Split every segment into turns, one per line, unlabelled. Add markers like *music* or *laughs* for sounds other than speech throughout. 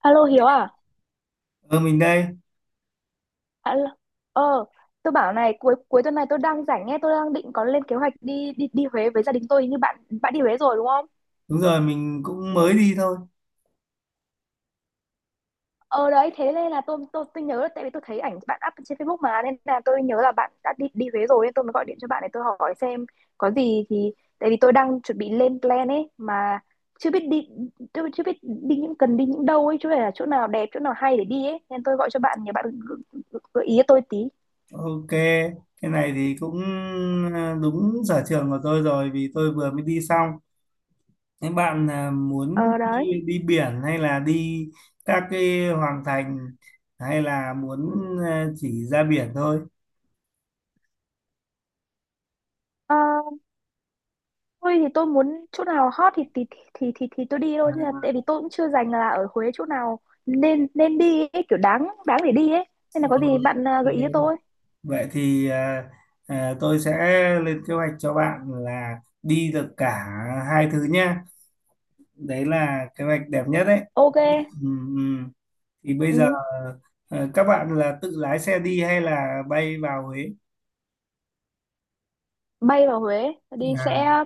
Alo Hiếu à?
Ờ, mình đây.
Alo. Ờ, tôi bảo này cuối cuối tuần này tôi đang rảnh nghe, tôi đang định có lên kế hoạch đi đi đi Huế với gia đình tôi như bạn bạn đi Huế rồi đúng không?
Đúng rồi, mình cũng mới đi thôi.
Ờ đấy, thế nên là tôi nhớ là tại vì tôi thấy ảnh bạn up trên Facebook mà nên là tôi nhớ là bạn đã đi đi Huế rồi nên tôi mới gọi điện cho bạn để tôi hỏi xem có gì thì tại vì tôi đang chuẩn bị lên plan ấy mà chưa biết đi tôi chưa biết đi những cần đi những đâu ấy chứ phải là chỗ nào đẹp chỗ nào hay để đi ấy nên tôi gọi cho bạn nhờ bạn gợi gợi- gợi ý cho tôi tí.
Ok, cái này thì cũng đúng sở trường của tôi rồi vì tôi vừa mới đi xong. Thế bạn à, muốn
Ờ đấy.
đi, đi biển hay là đi các cái hoàng thành hay là muốn chỉ ra biển thôi?
Ờ, tôi thì tôi muốn chỗ nào hot thì tôi đi thôi nhưng mà tại
À,
vì tôi cũng chưa dành là ở Huế chỗ nào nên nên đi ấy, kiểu đáng đáng để đi ấy. Nên là có gì
ok.
bạn à, gợi ý cho tôi.
Vậy thì tôi sẽ lên kế hoạch cho bạn là đi được cả hai thứ nhá. Đấy là kế hoạch đẹp nhất đấy.
Ok.
Ừ, ừ, thì bây giờ
Ừ.
các bạn là tự lái xe đi hay là bay vào Huế
Bay vào Huế đi
à,
sẽ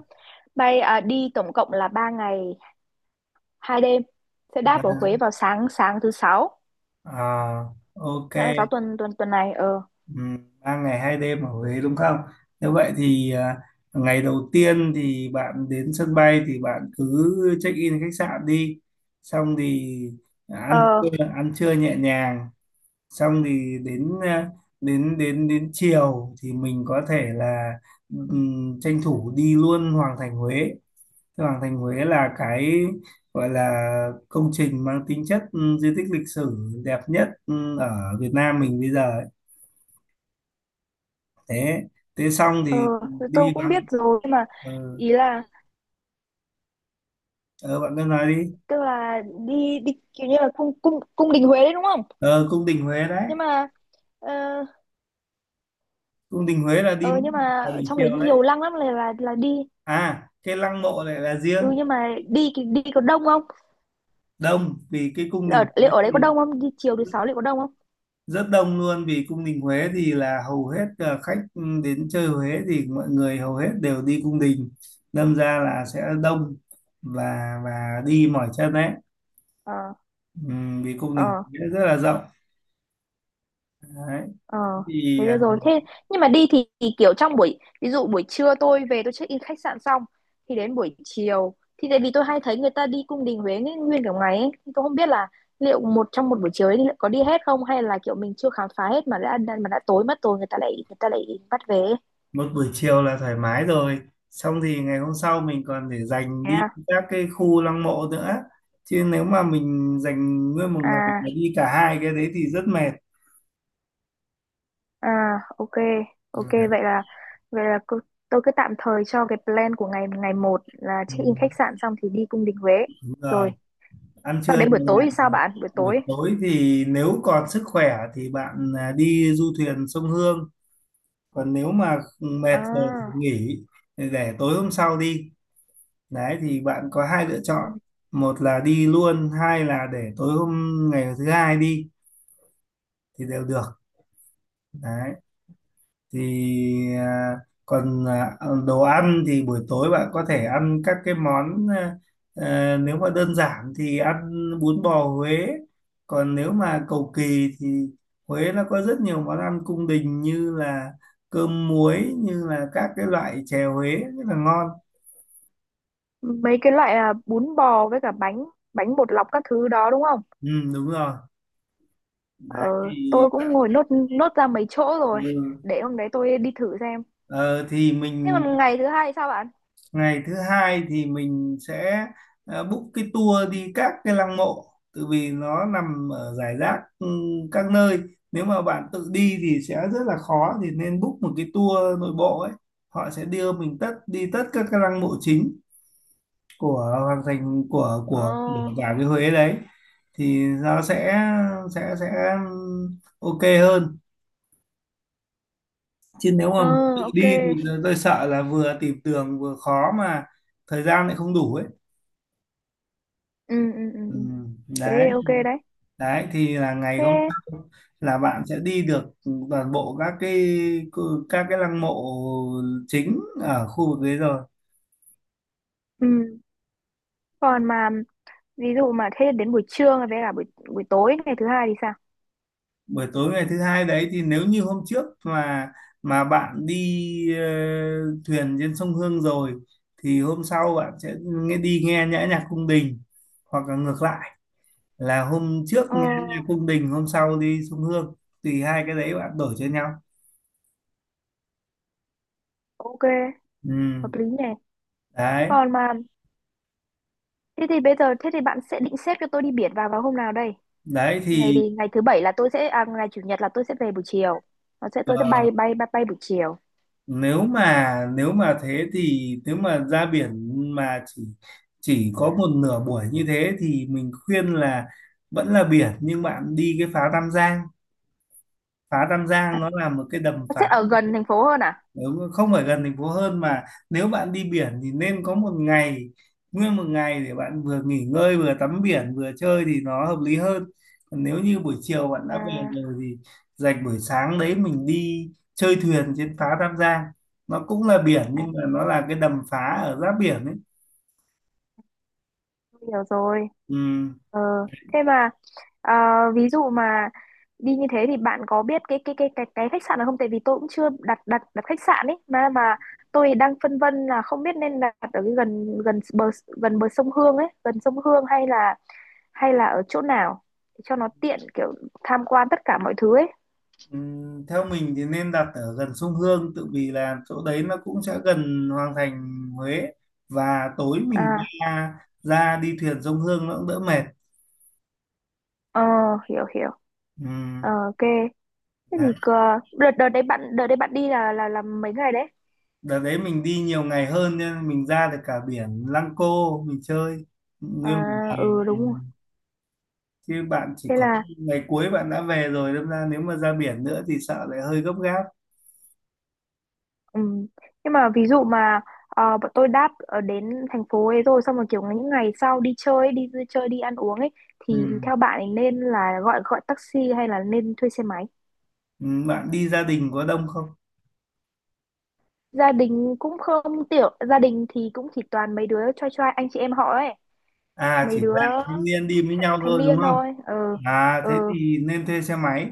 đi tổng cộng là 3 ngày 2 đêm. Sẽ đáp ở Huế
vâng.
vào sáng
À, ok.
sáng thứ sáu tuần tuần tuần này. Ờ,
3 ngày 2 đêm ở Huế đúng không? Như vậy thì ngày đầu tiên thì bạn đến sân bay thì bạn cứ check in khách sạn đi, xong thì
ờ,
ăn trưa nhẹ nhàng, xong thì đến đến chiều thì mình có thể là tranh thủ đi luôn Hoàng Thành Huế. Thưa Hoàng Thành Huế là cái gọi là công trình mang tính chất di tích lịch sử đẹp nhất ở Việt Nam mình bây giờ ấy. Thế thế xong
ờ,
thì
thì tôi
đi
cũng biết
bằng
rồi nhưng mà
ờ
ý là
ờ, bạn cứ nói đi.
tức là đi đi kiểu như là cung cung cung đình Huế đấy đúng không?
Ờ, cung đình Huế đấy,
Nhưng mà ờ,
cung đình Huế là đi
ừ,
vào
nhưng mà ở
buổi
trong đấy
chiều đấy.
nhiều lăng lắm là đi.
À, cái lăng mộ lại là
Ừ,
riêng.
nhưng mà đi đi có đông không?
Đông, vì cái cung đình Huế
Liệu ở đấy có
thì
đông không, đi chiều thứ sáu liệu có đông không?
rất đông luôn, vì cung đình Huế thì là hầu hết khách đến chơi Huế thì mọi người hầu hết đều đi cung đình, đâm ra là sẽ đông. Và và đi mỏi chân đấy.
Ờ,
Vì cung đình
ờ,
Huế rất là rộng đấy.
ờ,
Thì
thế được rồi. Thế nhưng mà đi thì kiểu trong buổi, ví dụ buổi trưa tôi về tôi check in khách sạn xong thì đến buổi chiều thì tại vì tôi hay thấy người ta đi cung đình Huế nguyên nguyên cả ngày ấy. Thì tôi không biết là liệu một trong một buổi chiều ấy liệu có đi hết không hay là kiểu mình chưa khám phá hết mà mà đã tối mất rồi người ta lại bắt về ấy.
một buổi chiều là thoải mái rồi, xong thì ngày hôm sau mình còn để dành
Thế
đi
à?
các cái khu lăng mộ nữa, chứ nếu mà mình dành nguyên một ngày
À.
để đi cả hai cái đấy thì rất mệt.
À, ok, ok, vậy là tôi cứ tạm thời cho cái plan của ngày ngày một là check in
Ừm,
khách sạn xong thì đi cung đình Huế.
đúng
Rồi,
rồi, ăn
sau
trưa
đến buổi
nhẹ
tối
nhàng.
thì sao
Ờ,
bạn? Buổi
buổi
tối.
tối thì nếu còn sức khỏe thì bạn đi du thuyền sông Hương, còn nếu mà mệt rồi thì
À.
nghỉ để tối hôm sau đi. Đấy thì bạn có hai lựa
Ừ.
chọn, một là đi luôn, hai là để tối hôm ngày thứ hai đi thì đều được. Đấy thì còn đồ ăn thì buổi tối bạn có thể ăn các cái món nếu mà đơn giản thì ăn bún bò Huế, còn nếu mà cầu kỳ thì Huế nó có rất nhiều món ăn cung đình như là cơm muối, như là các cái loại chè Huế rất là ngon.
Mấy cái loại bún bò với cả bánh bánh bột lọc các thứ đó đúng không?
Ừ, đúng rồi,
Ờ,
đấy thì
tôi cũng ngồi nốt nốt ra mấy chỗ rồi.
ừ.
Để hôm đấy tôi đi thử xem.
Ờ, thì
Thế
mình,
còn ngày thứ hai thì sao bạn?
ngày thứ hai thì mình sẽ book cái tour đi các cái lăng mộ, tự vì nó nằm ở rải rác các nơi, nếu mà bạn tự đi thì sẽ rất là khó, thì nên book một cái tour nội bộ ấy, họ sẽ đưa mình tất đi tất các cái lăng mộ chính của hoàng thành, của
Ờ,
cả cái Huế đấy, thì nó sẽ ok hơn, chứ nếu mà
ờ,
tự
ok.
đi thì tôi sợ là vừa tìm đường vừa khó mà thời gian lại không đủ ấy.
Ừ, ừ, ừ.
Ừ,
Ừ.
đấy,
Thế ok đấy.
đấy thì là ngày hôm
Thế,
sau là bạn sẽ đi được toàn bộ các cái lăng mộ chính ở khu vực đấy rồi.
ừ. Còn mà ví dụ mà thế đến buổi trưa với cả buổi buổi tối ngày thứ hai thì sao?
Buổi tối ngày thứ hai đấy thì nếu như hôm trước mà bạn đi thuyền trên sông Hương rồi thì hôm sau bạn sẽ nghe nhã nhạc cung đình, hoặc là ngược lại, là hôm trước
Ờ,
nghe nhạc cung đình, hôm sau đi sông Hương, thì hai cái đấy bạn đổi cho nhau.
ok,
Ừ,
hợp lý nhỉ. Thế
đấy.
còn mà, thế thì bây giờ thế thì bạn sẽ định xếp cho tôi đi biển vào vào hôm nào đây?
Đấy
Ngày,
thì
vì ngày thứ bảy là tôi sẽ ngày chủ nhật là tôi sẽ về buổi chiều. Nó sẽ tôi sẽ
ờ,
bay bay bay bay buổi chiều.
nếu mà thế thì nếu mà ra biển mà chỉ có một nửa buổi như thế thì mình khuyên là vẫn là biển nhưng bạn đi cái phá Tam Giang. Phá Tam Giang nó là một cái đầm
Nó
phá,
sẽ ở gần thành phố hơn à?
nếu không phải gần thành phố hơn, mà nếu bạn đi biển thì nên có một ngày, nguyên một ngày để bạn vừa nghỉ ngơi vừa tắm biển vừa chơi thì nó hợp lý hơn, còn nếu như buổi chiều bạn đã về
à,
rồi thì dành buổi sáng đấy mình đi chơi thuyền trên phá Tam Giang, nó cũng là biển
à
nhưng mà nó là cái đầm phá ở giáp biển ấy.
tôi hiểu rồi.
Ừ,
Ờ, thế mà. Ờ, ví dụ mà đi như thế thì bạn có biết cái khách sạn nào không? Tại vì tôi cũng chưa đặt đặt đặt khách sạn ấy mà tôi đang phân vân là không biết nên đặt ở cái gần gần bờ sông Hương ấy, gần sông Hương hay là ở chỗ nào để cho nó tiện kiểu tham quan tất cả mọi thứ ấy.
ừ, theo mình thì nên đặt ở gần sông Hương, tự vì là chỗ đấy nó cũng sẽ gần Hoàng Thành Huế, và tối mình
À,
ra ra đi thuyền sông Hương nó cũng đỡ mệt.
ờ, hiểu hiểu.
Ừ,
Ờ, ok. Thế thì
đấy.
đợt đợt đấy bạn đi là mấy ngày đấy?
Đợt đấy mình đi nhiều ngày hơn nên mình ra được cả biển Lăng Cô, mình chơi
À,
nguyên một ngày.
ừ,
Ừ,
đúng rồi.
chứ bạn chỉ
Thế
có
là.
ngày cuối bạn đã về rồi, đâm ra nếu mà ra biển nữa thì sợ lại hơi gấp gáp.
Ừ. Nhưng mà ví dụ mà bọn tôi đáp ở đến thành phố ấy rồi xong rồi kiểu những ngày sau đi chơi ấy, đi vui chơi đi ăn uống ấy
Ừ.
thì theo bạn ấy nên là gọi gọi taxi hay là nên thuê xe máy?
Ừ, bạn đi gia đình có đông không?
Gia đình cũng không tiểu, gia đình thì cũng chỉ toàn mấy đứa trai trai anh chị em họ ấy,
À,
mấy
chỉ
đứa
là thanh niên đi với nhau
thanh
thôi đúng
niên
không?
thôi. Ờ,
À
ờ,
thế thì nên thuê xe máy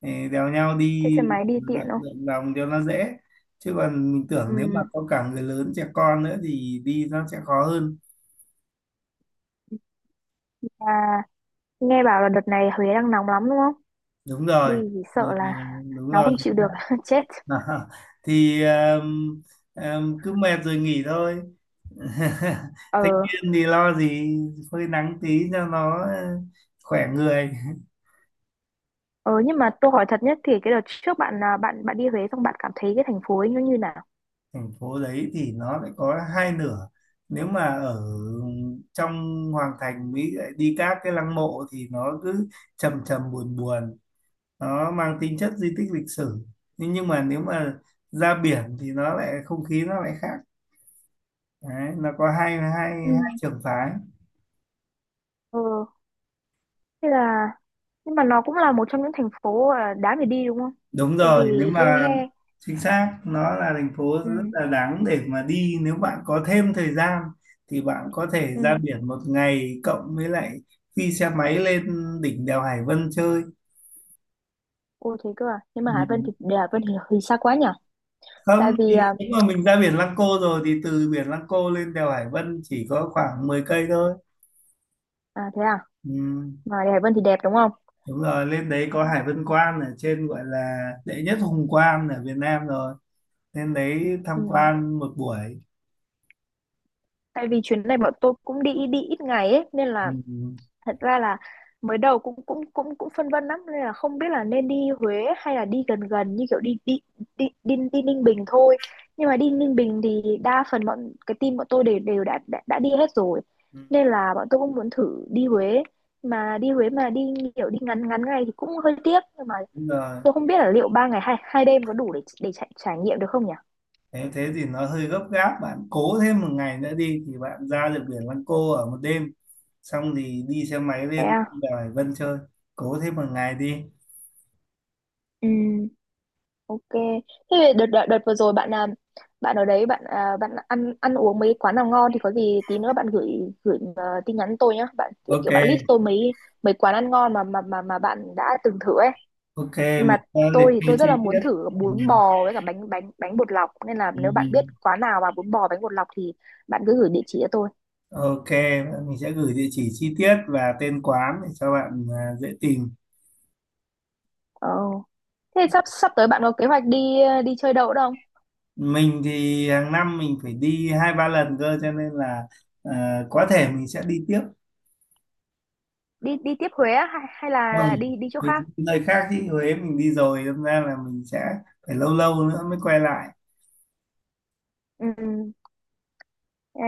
để đèo nhau
thuê
đi,
xe máy đi tiện
lượn
không?
lượn vòng cho nó dễ, chứ còn mình
Ừ.
tưởng nếu mà có cả người lớn trẻ con nữa thì đi nó sẽ khó hơn.
À, nghe bảo là đợt này Huế đang nóng lắm đúng không?
Đúng
Đi
rồi.
thì
Ờ,
sợ là
đúng
nó
rồi.
không chịu được *laughs* chết.
*laughs* Thì cứ mệt rồi nghỉ thôi. *laughs*
Ờ.
Thanh niên thì lo gì, phơi nắng tí cho nó khỏe người. *laughs*
Ờ, nhưng mà tôi hỏi thật nhất thì cái đợt trước bạn là bạn bạn đi Huế xong bạn cảm thấy cái thành phố ấy nó như nào?
Thành phố đấy thì nó lại có hai nửa, nếu mà ở trong hoàng thành Mỹ lại đi các cái lăng mộ thì nó cứ trầm trầm buồn buồn, nó mang tính chất di tích lịch sử, nhưng mà nếu mà ra biển thì nó lại không khí nó lại khác. Đấy, nó có hai hai
Ừ.
hai trường phái.
Ờ, thế là nhưng mà nó cũng là một trong những thành phố à, đáng để đi đúng không?
Đúng
Tại vì
rồi, nếu
tôi
mà
nghe.
chính xác nó là thành phố
Ừ,
rất là đáng để mà đi, nếu bạn có thêm thời gian thì bạn có thể ra
ừ.
biển một ngày, cộng với lại đi xe máy lên đỉnh đèo Hải Vân chơi.
Ô, thế cơ à. Nhưng mà Hải Vân
Nhìn-
thì để Hải Vân thì xa quá nhỉ? Tại
không
vì
thì nếu mà mình ra biển Lăng Cô rồi thì từ biển Lăng Cô lên đèo Hải Vân chỉ có khoảng 10 cây thôi.
thế,
Ừ,
mà để Hải Vân thì đẹp đúng không?
đúng rồi, lên đấy có Hải Vân Quan ở trên gọi là đệ nhất hùng quan ở Việt Nam rồi, lên đấy
Ừ.
tham quan một buổi.
Tại vì chuyến này bọn tôi cũng đi đi ít ngày ấy nên
Ừ.
là thật ra là mới đầu cũng cũng cũng cũng phân vân lắm nên là không biết là nên đi Huế hay là đi gần gần như kiểu đi đi đi đi, đi Ninh Bình thôi nhưng mà đi Ninh Bình thì đa phần bọn cái team bọn tôi đều đều đã đi hết rồi
Ừ.
nên là bọn tôi cũng muốn thử đi Huế mà đi Huế mà đi kiểu đi ngắn ngắn ngày thì cũng hơi tiếc nhưng mà
Đúng rồi.
tôi không biết là liệu ba ngày hai hai đêm có đủ để trải nghiệm được không nhỉ?
Thế thế thì nó hơi gấp gáp, bạn cố thêm một ngày nữa đi thì bạn ra được biển Lăng Cô ở một đêm, xong thì đi xe máy
Thế
lên
à?
đèo Hải Vân chơi. Cố thêm một ngày đi.
Ừ. Ok. Thế đợt, đợt vừa rồi bạn à, bạn ở đấy bạn à, bạn ăn ăn uống mấy quán nào ngon thì có gì tí nữa bạn gửi gửi tin nhắn tôi nhá. Bạn kiểu,
Ok,
kiểu bạn list tôi mấy mấy quán ăn ngon mà bạn đã từng thử ấy.
ok.
Mà
Mình sẽ liệt
tôi thì
kê
tôi rất là
chi
muốn
tiết.
thử
Ừ.
bún bò với cả bánh bánh bánh bột lọc nên là
Ừ.
nếu bạn biết
Ừ.
quán nào mà bún bò bánh bột lọc thì bạn cứ gửi địa chỉ cho tôi.
Ok, mình sẽ gửi địa chỉ chi tiết và tên quán để cho bạn dễ tìm.
Ờ. Thế sắp sắp tới bạn có kế hoạch đi đi chơi đâu không?
Mình thì hàng năm mình phải đi hai ba lần cơ, cho nên là có thể mình sẽ đi tiếp.
Đi đi tiếp Huế á, hay hay
Vâng,
là đi đi chỗ
mình đi
khác?
nơi khác chứ Huế mình đi rồi, đâm ra là mình sẽ phải lâu lâu nữa mới quay lại.
Ừ.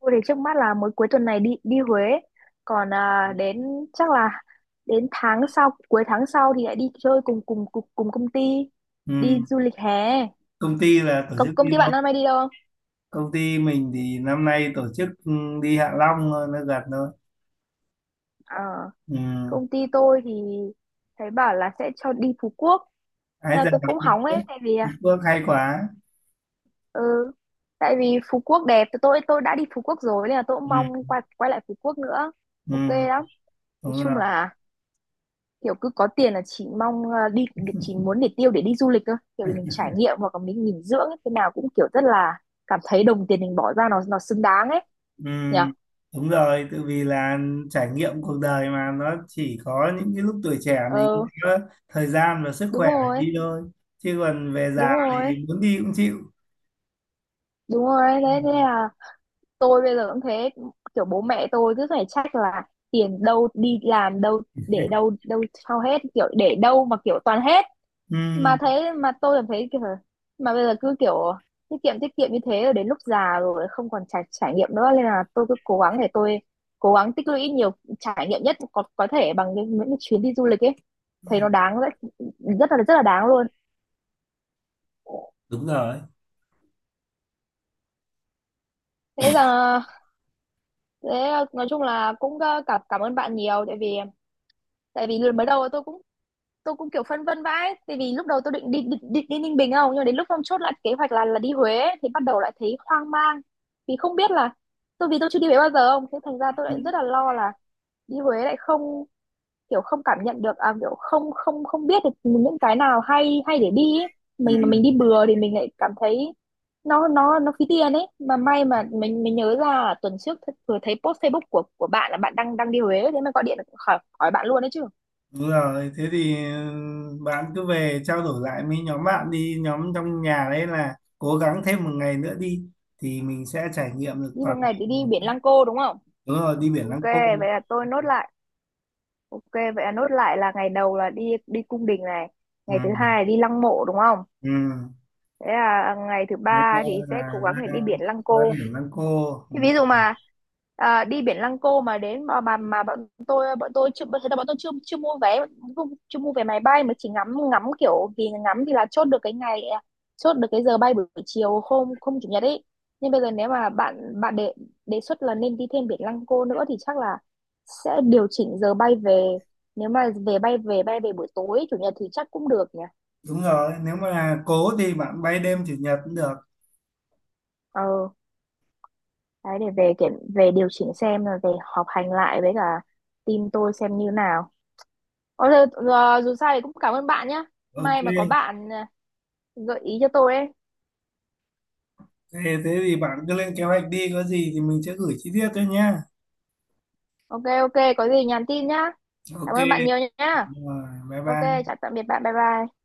Tôi thì trước mắt là mới cuối tuần này đi đi Huế, còn à, đến chắc là đến tháng sau cuối tháng sau thì lại đi chơi cùng công ty
Ừ.
đi du lịch hè.
Công ty là tổ
Công
chức đi
công ty
đâu?
bạn năm nay đi đâu không?
Công ty mình thì năm nay tổ chức đi Hạ Long thôi, nó gần thôi.
Ờ,
Ừ.
công ty tôi thì thấy bảo là sẽ cho đi Phú Quốc.
Ái
Nên là
ra là
tôi cũng
Phú
hóng ấy
Quốc.
tại vì
Phú
à,
Quốc hay quá.
ừ, tại vì Phú Quốc đẹp tôi đã đi Phú Quốc rồi nên là tôi cũng
Ừ.
mong quay quay lại Phú Quốc nữa. Ok
Ừ.
lắm. Nói
Đúng
chung
rồi.
là kiểu cứ có tiền là chỉ mong đi chỉ muốn để tiêu để đi du lịch thôi kiểu mình trải nghiệm hoặc là mình nghỉ dưỡng ấy, thế nào cũng kiểu rất là cảm thấy đồng tiền mình bỏ ra nó xứng đáng ấy
Ừ.
nhỉ.
Đúng rồi, tự vì là trải nghiệm cuộc đời mà, nó chỉ có những cái lúc tuổi trẻ mình
Ờ,
có thời gian và sức
đúng
khỏe để
rồi.
đi thôi, chứ còn về
Đúng
già
rồi.
thì muốn đi cũng chịu.
Đúng rồi đấy. Thế là tôi bây giờ cũng thế kiểu bố mẹ tôi cứ phải trách là tiền đâu đi làm đâu để đâu đâu sao hết kiểu để đâu mà kiểu toàn hết
Ừ.
mà thế mà tôi cảm thấy kiểu mà bây giờ cứ kiểu tiết kiệm như thế rồi đến lúc già rồi không còn trải trải nghiệm nữa nên là tôi cứ cố gắng để tôi cố gắng tích lũy nhiều trải nghiệm nhất có thể bằng những cái chuyến đi du lịch ấy thấy nó đáng rất rất là đáng luôn.
Đúng rồi.
Thế là thế nói chung là cũng cảm cảm ơn bạn nhiều tại vì mới đầu tôi cũng kiểu phân vân vãi tại vì lúc đầu tôi định đi Ninh Bình không nhưng mà đến lúc hôm chốt lại kế hoạch là đi Huế ấy, thì bắt đầu lại thấy hoang mang vì không biết là tôi vì tôi chưa đi Huế bao giờ không thế thành ra tôi lại rất là
Ừ,
lo là đi Huế lại không kiểu không cảm nhận được à, kiểu không không không biết được những cái nào hay hay để đi ấy. Mình mà mình đi
ừ,
bừa thì mình lại cảm thấy nó phí tiền ấy mà may mà mình nhớ ra là tuần trước vừa thấy post Facebook của bạn là bạn đang đang đi Huế thế mà gọi điện khỏi hỏi bạn luôn đấy chứ.
đúng rồi. Thế thì bạn cứ về trao đổi lại với nhóm bạn đi, nhóm trong nhà đấy, là cố gắng thêm một ngày nữa đi thì mình sẽ trải nghiệm được
Đi một
toàn bộ.
ngày thì đi biển Lăng Cô đúng không?
Đúng rồi, đi biển
Ok,
Lăng Cô.
vậy là tôi nốt lại. Ok, vậy là nốt lại là ngày đầu là đi đi cung đình này,
Ừ,
ngày thứ hai là đi lăng mộ đúng không?
ừ.
Thế là ngày thứ
Nếu mà
ba thì
là
sẽ cố gắng để đi
ra,
biển Lăng
ra
Cô.
biển Lăng Cô. Ừ.
Thì ví dụ mà đi biển Lăng Cô mà đến mà bọn tôi chưa thế là bọn tôi chưa chưa mua vé chưa, chưa mua vé máy bay mà chỉ ngắm ngắm kiểu thì ngắm thì là chốt được cái ngày à, chốt được cái giờ bay buổi chiều hôm hôm chủ nhật ấy nhưng bây giờ nếu mà bạn bạn đề đề xuất là nên đi thêm biển Lăng Cô nữa thì chắc là sẽ điều chỉnh giờ bay về nếu mà về bay về buổi tối chủ nhật thì chắc cũng được nhỉ.
Đúng rồi, nếu mà là cố thì bạn bay đêm chủ nhật cũng được.
Ờ, đấy để về kiểm về điều chỉnh xem là về họp hành lại với cả team tôi xem như nào. Ờ, giờ, giờ, dù sao thì cũng cảm ơn bạn nhá.
Ok.
May mà có bạn à, gợi ý cho tôi ấy.
Thế thì bạn cứ lên kế hoạch đi, có gì thì mình sẽ gửi chi tiết cho nhá.
Ok, ok, có gì nhắn tin nhá.
Ok.
Cảm ơn bạn nhiều nhá.
Đúng rồi. Bye
Ok,
bye.
chào tạm biệt bạn. Bye bye.